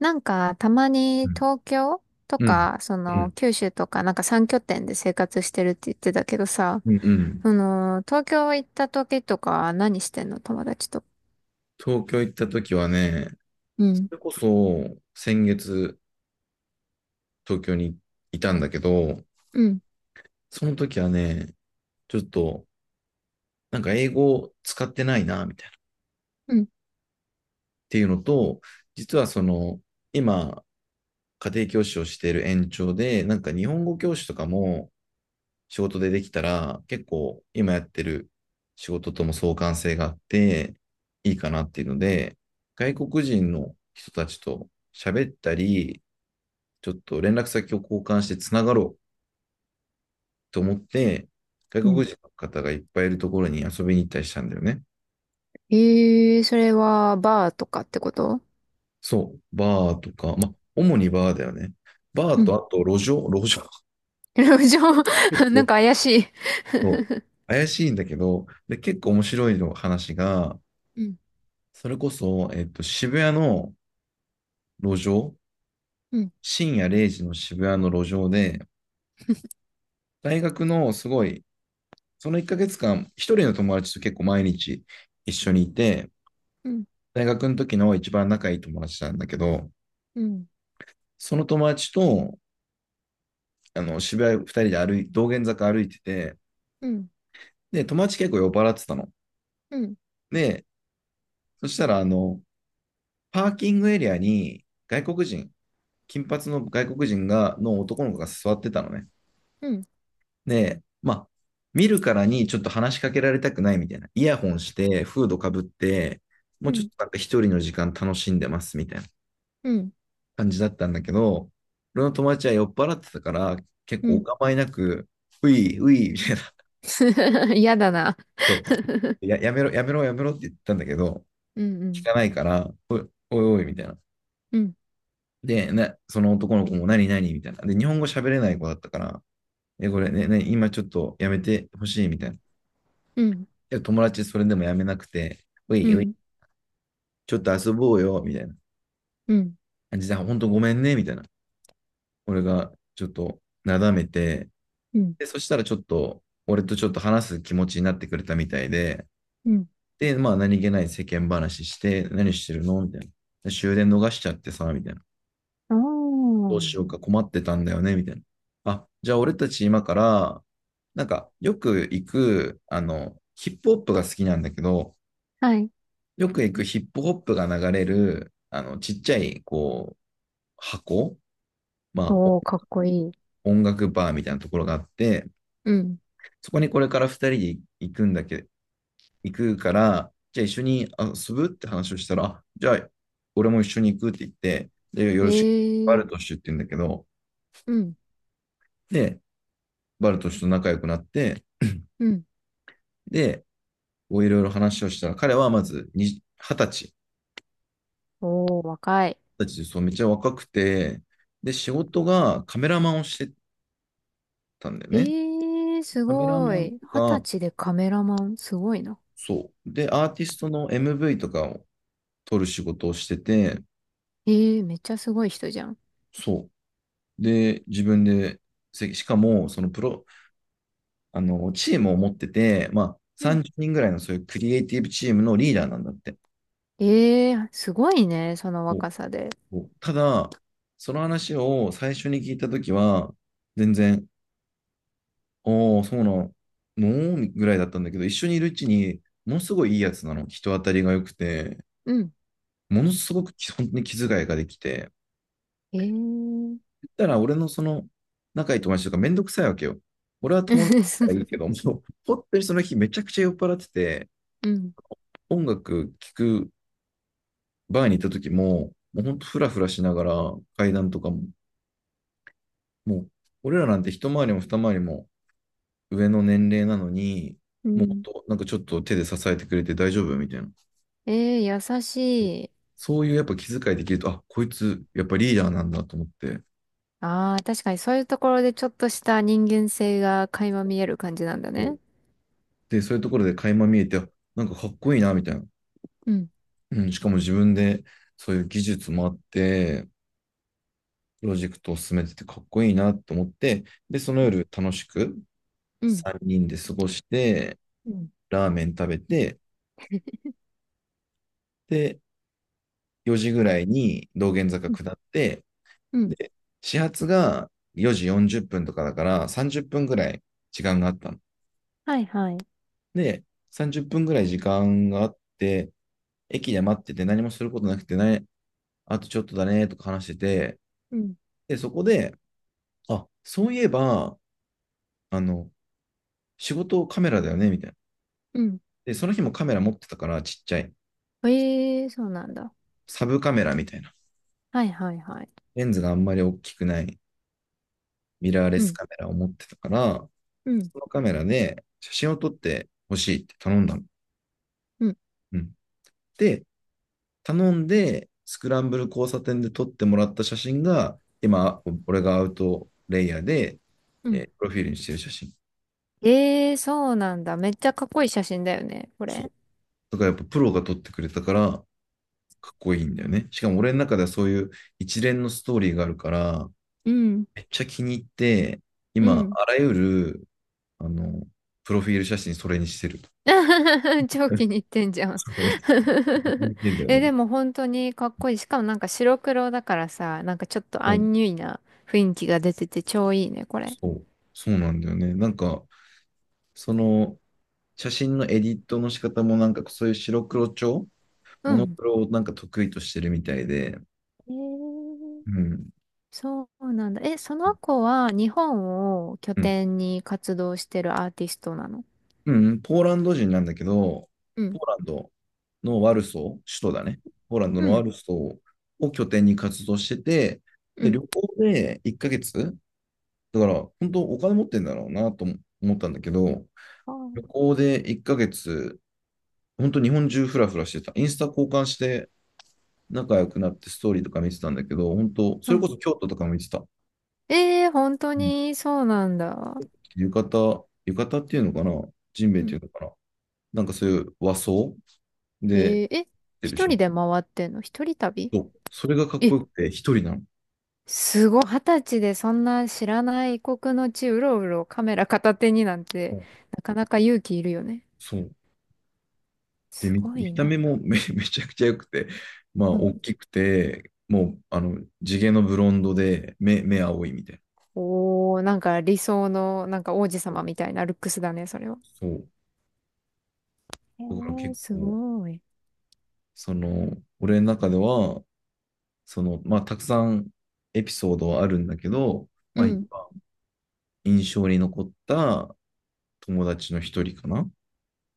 なんか、たまうにん。東京とうん。か、そうの、ん。九州とか、なんか3拠点で生活してるって言ってたけどさ、うん。その、東京行った時とか何してんの友達と。東京行った時はね、うそん、れこそ先月東京にいたんだけど、うん、その時はね、ちょっとなんか英語使ってないな、みたいな。っうん、ていうのと、実はその、今、家庭教師をしている延長で、なんか日本語教師とかも、仕事でできたら、結構今やってる仕事とも相関性があって、いいかなっていうので、外国人の人たちと喋ったり、ちょっと連絡先を交換してつながろうと思って、う外ん。国人の方がいっぱいいるところに遊びに行ったりしたんだよね。ええー、それはバーとかってこと？そう、バーとか、まあ、主にバーだよね。バーうとん、あと路上、路上。路上、結なん構、か怪しい。そう、怪しいんだけど、で、結構面白いの話が、うん、それこそ、渋谷の路上、うん、深夜0時の渋谷の路上で、大学のすごい、その1ヶ月間、一人の友達と結構毎日一緒にいて、うん、大学の時の一番仲いい友達なんだけど、うん、その友達と、あの、渋谷2人で道玄坂歩いてて、うん、で、友達結構酔っ払ってたの。うん、で、そしたら、あの、パーキングエリアに外国人、金髪の外国人が、の男の子が座ってたのね。うん、で、まあ、見るからにちょっと話しかけられたくないみたいな。イヤホンして、フードかぶって、もううちょっん、となんか一人の時間楽しんでますみたいなうん、感じだったんだけど、俺の友達は酔っ払ってたから、結う構おん、構いなく、ういうい、みたいな。嫌だな。そう。やめろ、やめろ、やめろって言ったんだけど、聞かないから、おいおい、みたいな。で、その男の子も何何みたいな。で、日本語喋れない子だったから、これね、今ちょっとやめてほしいみたいな。うん、で、友達それでもやめなくて、うういうい、ん、ちょっと遊ぼうよ、みたいな。うん、実は本当ごめんね、みたいな。俺がちょっとなだめて、うん、うん、うん、で、そしたらちょっと、俺とちょっと話す気持ちになってくれたみたいで、うん、うん、で、まあ何気ない世間話して、何してるのみたいな。終電逃しちゃってさ、みたいな。おどうー。しようか困ってたんだよね、みたいな。あ、じゃあ俺たち今から、なんかよく行く、あの、ヒップホップが好きなんだけど、はい。よく行くヒップホップが流れる、あの、ちっちゃい、こう、箱、まあ、おー、かっこいい。音楽バーみたいなところがあって、うん。そこにこれから2人で行くんだけ、行くから、じゃあ一緒に遊ぶって話をしたら、じゃあ俺も一緒に行くって言って、で、よろしく、バえルトえ、シュって言うんだけど、うん、で、バルトシュと仲良くなって、うん。で、こういろいろ話をしたら、彼はまずに20歳、おー、若い。20歳でそう、めっちゃ若くて、で、仕事がカメラマンをしてたんだよね。ええ、すカメラごマンい。と二十か、歳でカメラマン、すごいな。そう。で、アーティストの MV とかを撮る仕事をしてて、ええ、めっちゃすごい人じゃん。そで、自分で、しかも、そのプロ、あの、チームを持ってて、まあ、うん。30人ぐらいのそういうクリエイティブチームのリーダーなんだって。ええ、すごいね、そのお若さで。ただ、その話を最初に聞いたときは、全然、おー、そうなのぐらいだったんだけど、一緒にいるうちに、ものすごいいいやつなの。人当たりが良くて、うん。ものすごく本当に気遣いができて、ええ 言ったら俺のその仲いい友達とかめんどくさいわけよ。俺は友達だからいい けど、もう本当にその日めちゃくちゃ酔っ払ってて、うん。音楽聴くバーに行った時も、もうほんとフラフラしながら階段とかも、もう俺らなんて一回りも二回りも上の年齢なのに、うもうほん。んとなんかちょっと手で支えてくれて大丈夫みたいな。ええ、優しい。そういうやっぱ気遣いできると、あ、こいつやっぱリーダーなんだと思って、ああ、確かにそういうところでちょっとした人間性が垣間見える感じなんだね。で、そういうところで垣間見えて、なんかかっこいいなみたいな。うん、うん、しかも自分でそういう技術もあって、プロジェクトを進めててかっこいいなと思って、で、その夜楽しくうん、3人で過ごして、うん。ラーメン食べて、で、4時ぐらいに道玄坂うん、下って、で、始発が4時40分とかだから30分ぐらい時間があったの。はいはい。で、30分ぐらい時間があって、駅で待ってて何もすることなくてね、あとちょっとだねとか話してて、うん。で、そこで、あ、そういえば、あの、仕事カメラだよね、みたいな。うん。で、その日もカメラ持ってたからちっちゃい。ええ、そうなんだ。サブカメラみたいな。はいはいはい。レンズがあんまり大きくない。ミラーレうスん。カメラを持ってたから、うん。そのカメラで写真を撮ってほしいって頼んだの。うん。うん。で、頼んで、スクランブル交差点で撮ってもらった写真が、今、俺がアウトレイヤーで、うん。プロフィールにしてる写真。ええー、そうなんだ。めっちゃかっこいい写真だよね、こそう。れ。だからやっぱプロが撮ってくれたから、かっこいいんだよね。しかも俺の中ではそういう一連のストーリーがあるから、うん。めっちゃ気に入って、う今、ん。あらゆる、あの、プロフィール写真それにしてる。超 気に入ってんじゃん。 それ、見てんだ よえ、ね。でも本当にかっこいい。しかもなんか白黒だからさ、なんかちょっとそアう、ンニュイな雰囲気が出てて超いいね、これ。そう、そうなんだよね。なんか、その、写真のエディットの仕方も、なんか、そういう白黒調、うモノん。クロをなんか得意としてるみたいで、えー、うん、そうなんだ。え、その子は日本を拠うん、点に活動してるアーティストなの？うん、ポーランド人なんだけど、ポーランドのワルソー、首都だね。ポーランドうのワん、ルソーを拠点に活動してて、うで、ん、旅行で1ヶ月、だから、本当お金持ってんだろうなと思ったんだけど、あ旅ー、行で1ヶ月、本当日本中フラフラしてた。インスタ交換して、仲良くなってストーリーとか見てたんだけど、本当うそれこん。そ京都とかも見てた。ええー、本当うん。に、そうなんだ。浴衣、浴衣っていうのかな、ジンベエうってん。いうのかな、なんかそういう和装えで、ー、え、てる一しょ。人で回ってんの？一人旅？そう、それがかっこえ、よくて、一人なの。すごい、二十歳でそんな知らない異国の地、うろうろカメラ片手になんうて、んなかなか勇気いるよね。そう。で、す見、ご見いたな。目もめちゃくちゃ良くて、まあ、うん。大きくて、もう、あの、地毛のブロンドで、目青いみたいな。おー、なんか理想の、なんか王子様みたいなルックスだね、それは。そえう。だからー、結す構、ごい。その、俺の中では、その、まあ、たくさんエピソードはあるんだけど、うまあ、一ん。番印象に残った友達の一人かな。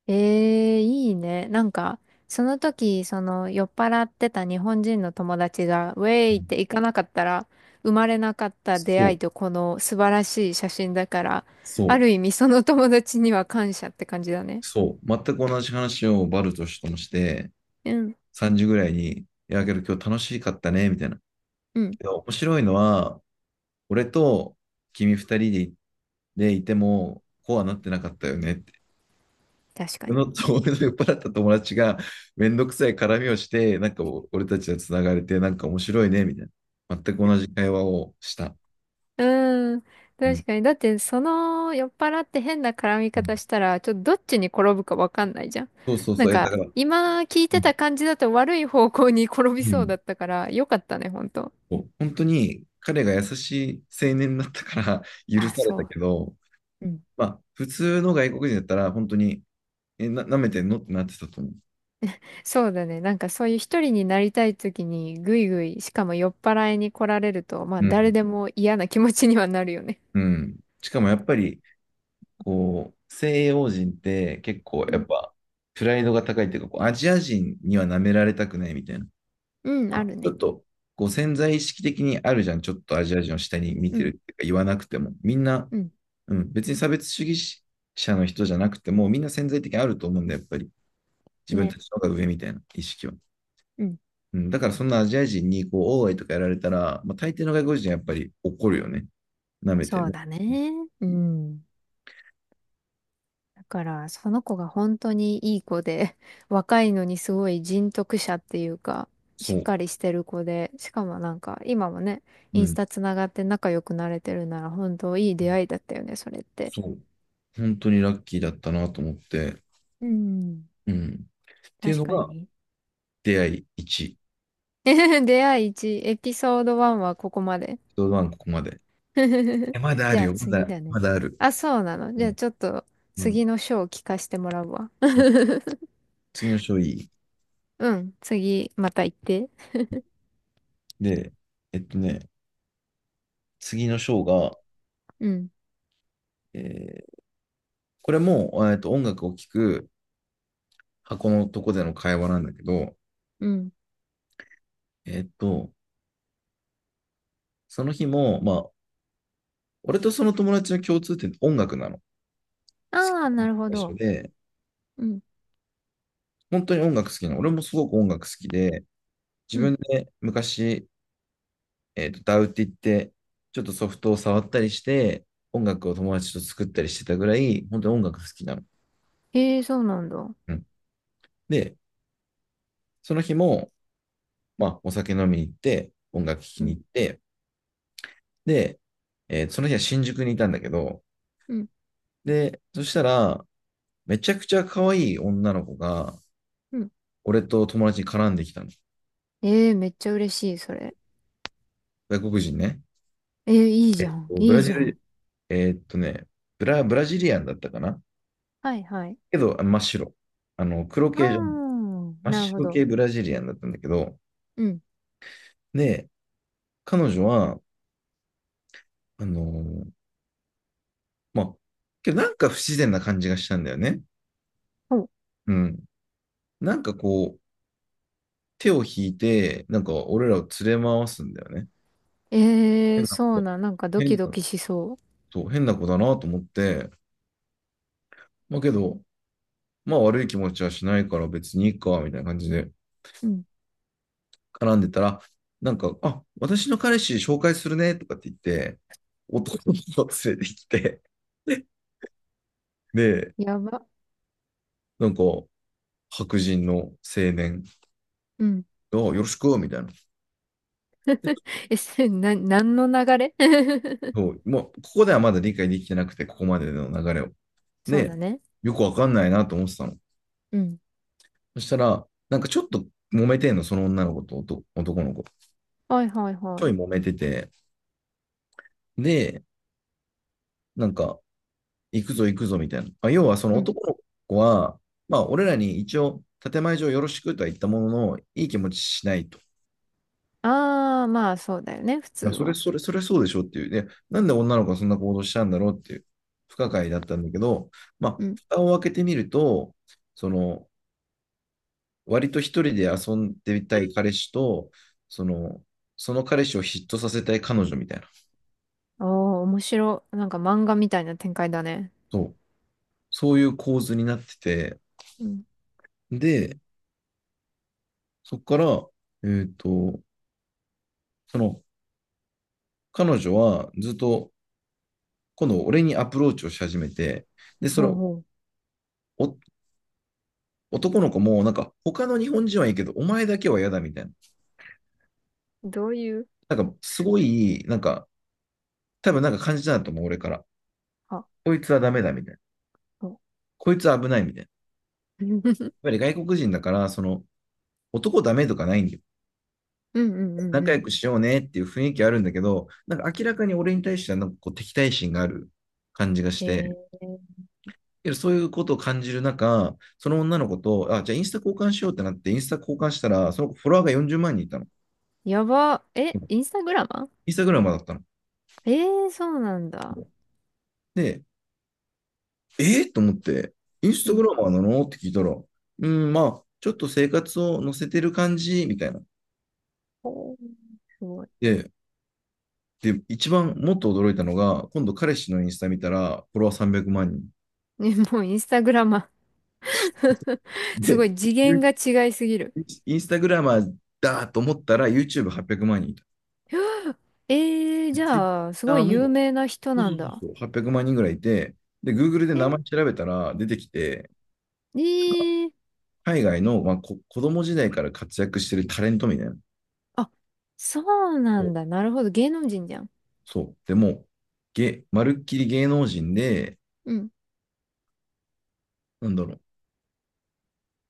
ええ、いいね。なんか、その時、その酔っ払ってた日本人の友達が、ウェうイっんて行かなかったら、生まれなかった出そ会いう、とこの素晴らしい写真だから、そあう、る意味その友達には感謝って感じだね。そう。全く同じ話をバルトしともして、うん、3時ぐらいに、いや、けど今日楽しかったね、みたいな。うん、けど面白いのは、俺と君二人でいても、こうはなってなかったよね。確かに。のと 俺の酔っ払った友達がめんどくさい絡みをして、なんか俺たちがつながれて、なんか面白いね、みたいな。全く同じ会話をした。うん、うん。確かに。だって、その酔っ払って変な絡みうん。方したら、ちょっとどっちに転ぶかわかんないじゃん。そうそうなそんう。だか、から、今聞いうてたん。感じだと悪い方向に転びうそうんだったから、よかったね、ほんと。そう、本当に彼が優しい青年だったから許あ、されそたう。けど、うん、まあ、普通の外国人だったら本当に、舐めてんのってなってたと思う。そうだね。なんかそういう一人になりたい時にぐいぐい、しかも酔っ払いに来られると、まあう誰ん。でも嫌な気持ちにはなるよね。うん。しかもやっぱり、こう、西洋人って結構うやっん。ぱプライドが高いっていうか、こうアジア人には舐められたくないみたいな。うん、ああるちょっね。と、こう潜在意識的にあるじゃん。ちょっとアジア人を下に見うてるっん。ていうか言わなくても。みんな、うん。うん、別に差別主義者の人じゃなくても、みんな潜在的にあると思うんだよ、やっぱり。自分ね。たちの方が上みたいな意識は。うん。うん、だからそんなアジア人にこう、オーアイとかやられたら、まあ、大抵の外国人はやっぱり怒るよね。舐めてそるうの。だね。うん。だから、その子が本当にいい子で、若いのにすごい人徳者っていうか、そしっう。かりしてる子で、しかもなんか今もね、イうンスん。タつながって仲良くなれてるなら本当いい出会いだったよね、それって。そう。本当にラッキーだったなと思って。うん。うん。っていう確のかがに。出会い1。出会い1、エピソード1はここまで。一晩ここまで。え、まだあじゃるあよ。ま次だ、だね。まだある。あ、そうなの。うじゃあん。ちょっとうん。次の章を聞かせてもらうわ。うん。 次の章いい。うん、次、また行って。で、えっとね、次の章が、うん、えーこれも、音楽を聴く箱のとこでの会話なんだけど、うん。えっと、その日も、まあ、俺とその友達の共通点って音楽なの。好きああ、なるほな一緒ど。で、うん、本当に音楽好きなの。俺もすごく音楽好きで、う自ん。分で昔ダウって言って、ちょっとソフトを触ったりして、音楽を友達と作ったりしてたぐらい、本当に音楽好きなの。ええー、そうなんだ。ううん、で、その日も、まあ、お酒飲みに行って、音楽聴きにん、行って、で、その日は新宿にいたんだけど、うん、で、そしたら、めちゃくちゃ可愛い女の子が、うん。俺と友達に絡んできたの。ええー、めっちゃ嬉しい、それ。外国人ね。ええー、いいじゃん、ブいいラジじゃん。ル、えーっとね、ブラジリアンだったかなはい、はい。けど、あ真っ白。あの、黒あ系じゃない。あ、真っなるほ白ど。系ブラジリアンだったんだけど、うん。で、彼女は、あのーまあ、けどなんか不自然な感じがしたんだよね。ほう、うん。なんかこう、手を引いて、なんか俺らを連れ回すんだよね。ええ変ー、なそ子うだ、なん、なんかドキ変ドな、キしそそう、変な子だなと思って、まあけど、まあ悪い気持ちはしないから別にいいか、みたいな感じでう。うん。絡んでたら、なんか、あ、私の彼氏紹介するね、とかって言って、男の子を連れてきて、で、やば。なんか、白人の青年うん。 が、あよろしく、みたいな。え、せな、何の流れ？ そ う、もう、ここではまだ理解できてなくて、ここまでの流れを。そうで、だね。よくわかんないなと思ってたの。うん。そしたら、なんかちょっと揉めてんの、その女の子と男の子。はいはいちはょいい。揉めてて、で、なんか、行くぞ行くぞみたいな。まあ、要はそのうん。男の子は、まあ、俺らに一応、建前上よろしくとは言ったものの、いい気持ちしないと。あー、まあそうだよね、普通まあ、は。それそうでしょっていう。で、なんで女の子がそんな行動したんだろうっていう、不可解だったんだけど、まあ、うん。蓋を開けてみると、その、割と一人で遊んでみたい彼氏と、その、彼氏を嫉妬させたい彼女みたいな。おー、面白い。なんか漫画みたいな展開だね。そう。そういう構図になってて、うん。で、そこから、えっと、その、彼女はずっと、今度俺にアプローチをし始めて、で、それほうを、ほう。お男の子も、なんか、他の日本人はいいけど、お前だけは嫌だみたいな。どういう、なんか、すごい、なんか、多分なんか感じたんだと思う、俺から。あ、こいつはダメだみたいな。そこいつは危ないみたいな。やっう。ぱり外国人だから、その、男ダメとかないんだよ。うんうんうん仲う良ん。くしようねっていう雰囲気あるんだけど、なんか明らかに俺に対してはなんかこう敵対心がある感じがして、えー、そういうことを感じる中、その女の子と、あ、じゃあインスタ交換しようってなって、インスタ交換したら、その子フォロワーが40万人いたの。やば。え、インスタグラマインスタグラマーだったの。ー？えー、そうなんだ。で、えー、と思って、インスうタん。グラマーなのって聞いたら、うーん、まあ、ちょっと生活を載せてる感じ、みたいな。ほう、すごい。で、一番もっと驚いたのが、今度彼氏のインスタ見たら、フォロワー300万人。ね、もうインスタグラマー。 すごいで、次元が違いすぎる。インスタグラマーだと思ったら YouTube800 万人いた。ええー、じゃあ、すご Twitter い有も、名な人そうなそうんそうだ。そう、800万人ぐらいいて、で、Google でえ、名前調べたら出てきて、ええ、海外の、まあ、子供時代から活躍してるタレントみたいな。あ、そうなそんう。だ。なるほど。芸能人じゃん。そう。でも、まるっきり芸能人で、うん。なんだろう。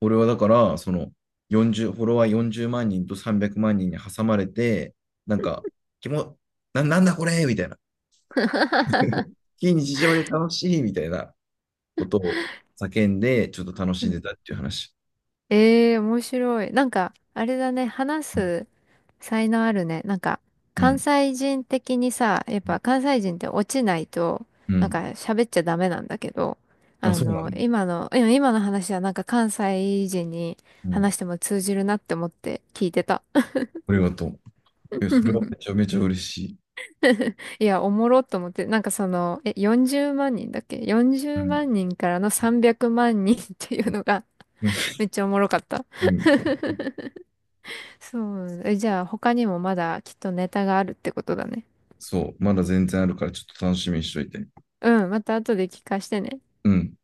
俺はだから、その、40、フォロワー40万人と300万人に挟まれて、なんか、気も、な、なんだこれみたいな。非日常で楽しいみたいなことを叫んで、ちょっと楽うしんん。でたっていう話。ええー、面白い。なんか、あれだね。話す才能あるね。なんか、う関ん。西人的にさ、やっぱ関西人って落ちないと、うなんかん。喋っちゃダメなんだけど、あ、あそうなんの、だ。今の、いや今の話はなんか関西人にうん。話しても通じるなって思って聞いてた。ありがとう。え、それはめ ちゃめちゃ嬉しい。いや、おもろっと思って、なんかその、え、40万人だっけ？ う 40 ん。万人からの300万人っていうのが めっちゃおもろかった。うん。そうなんだ。え、じゃあ他にもまだきっとネタがあるってことだね。そう。まだ全然あるから、ちょっと楽しみにしといて。うん、また後で聞かしてね。うん。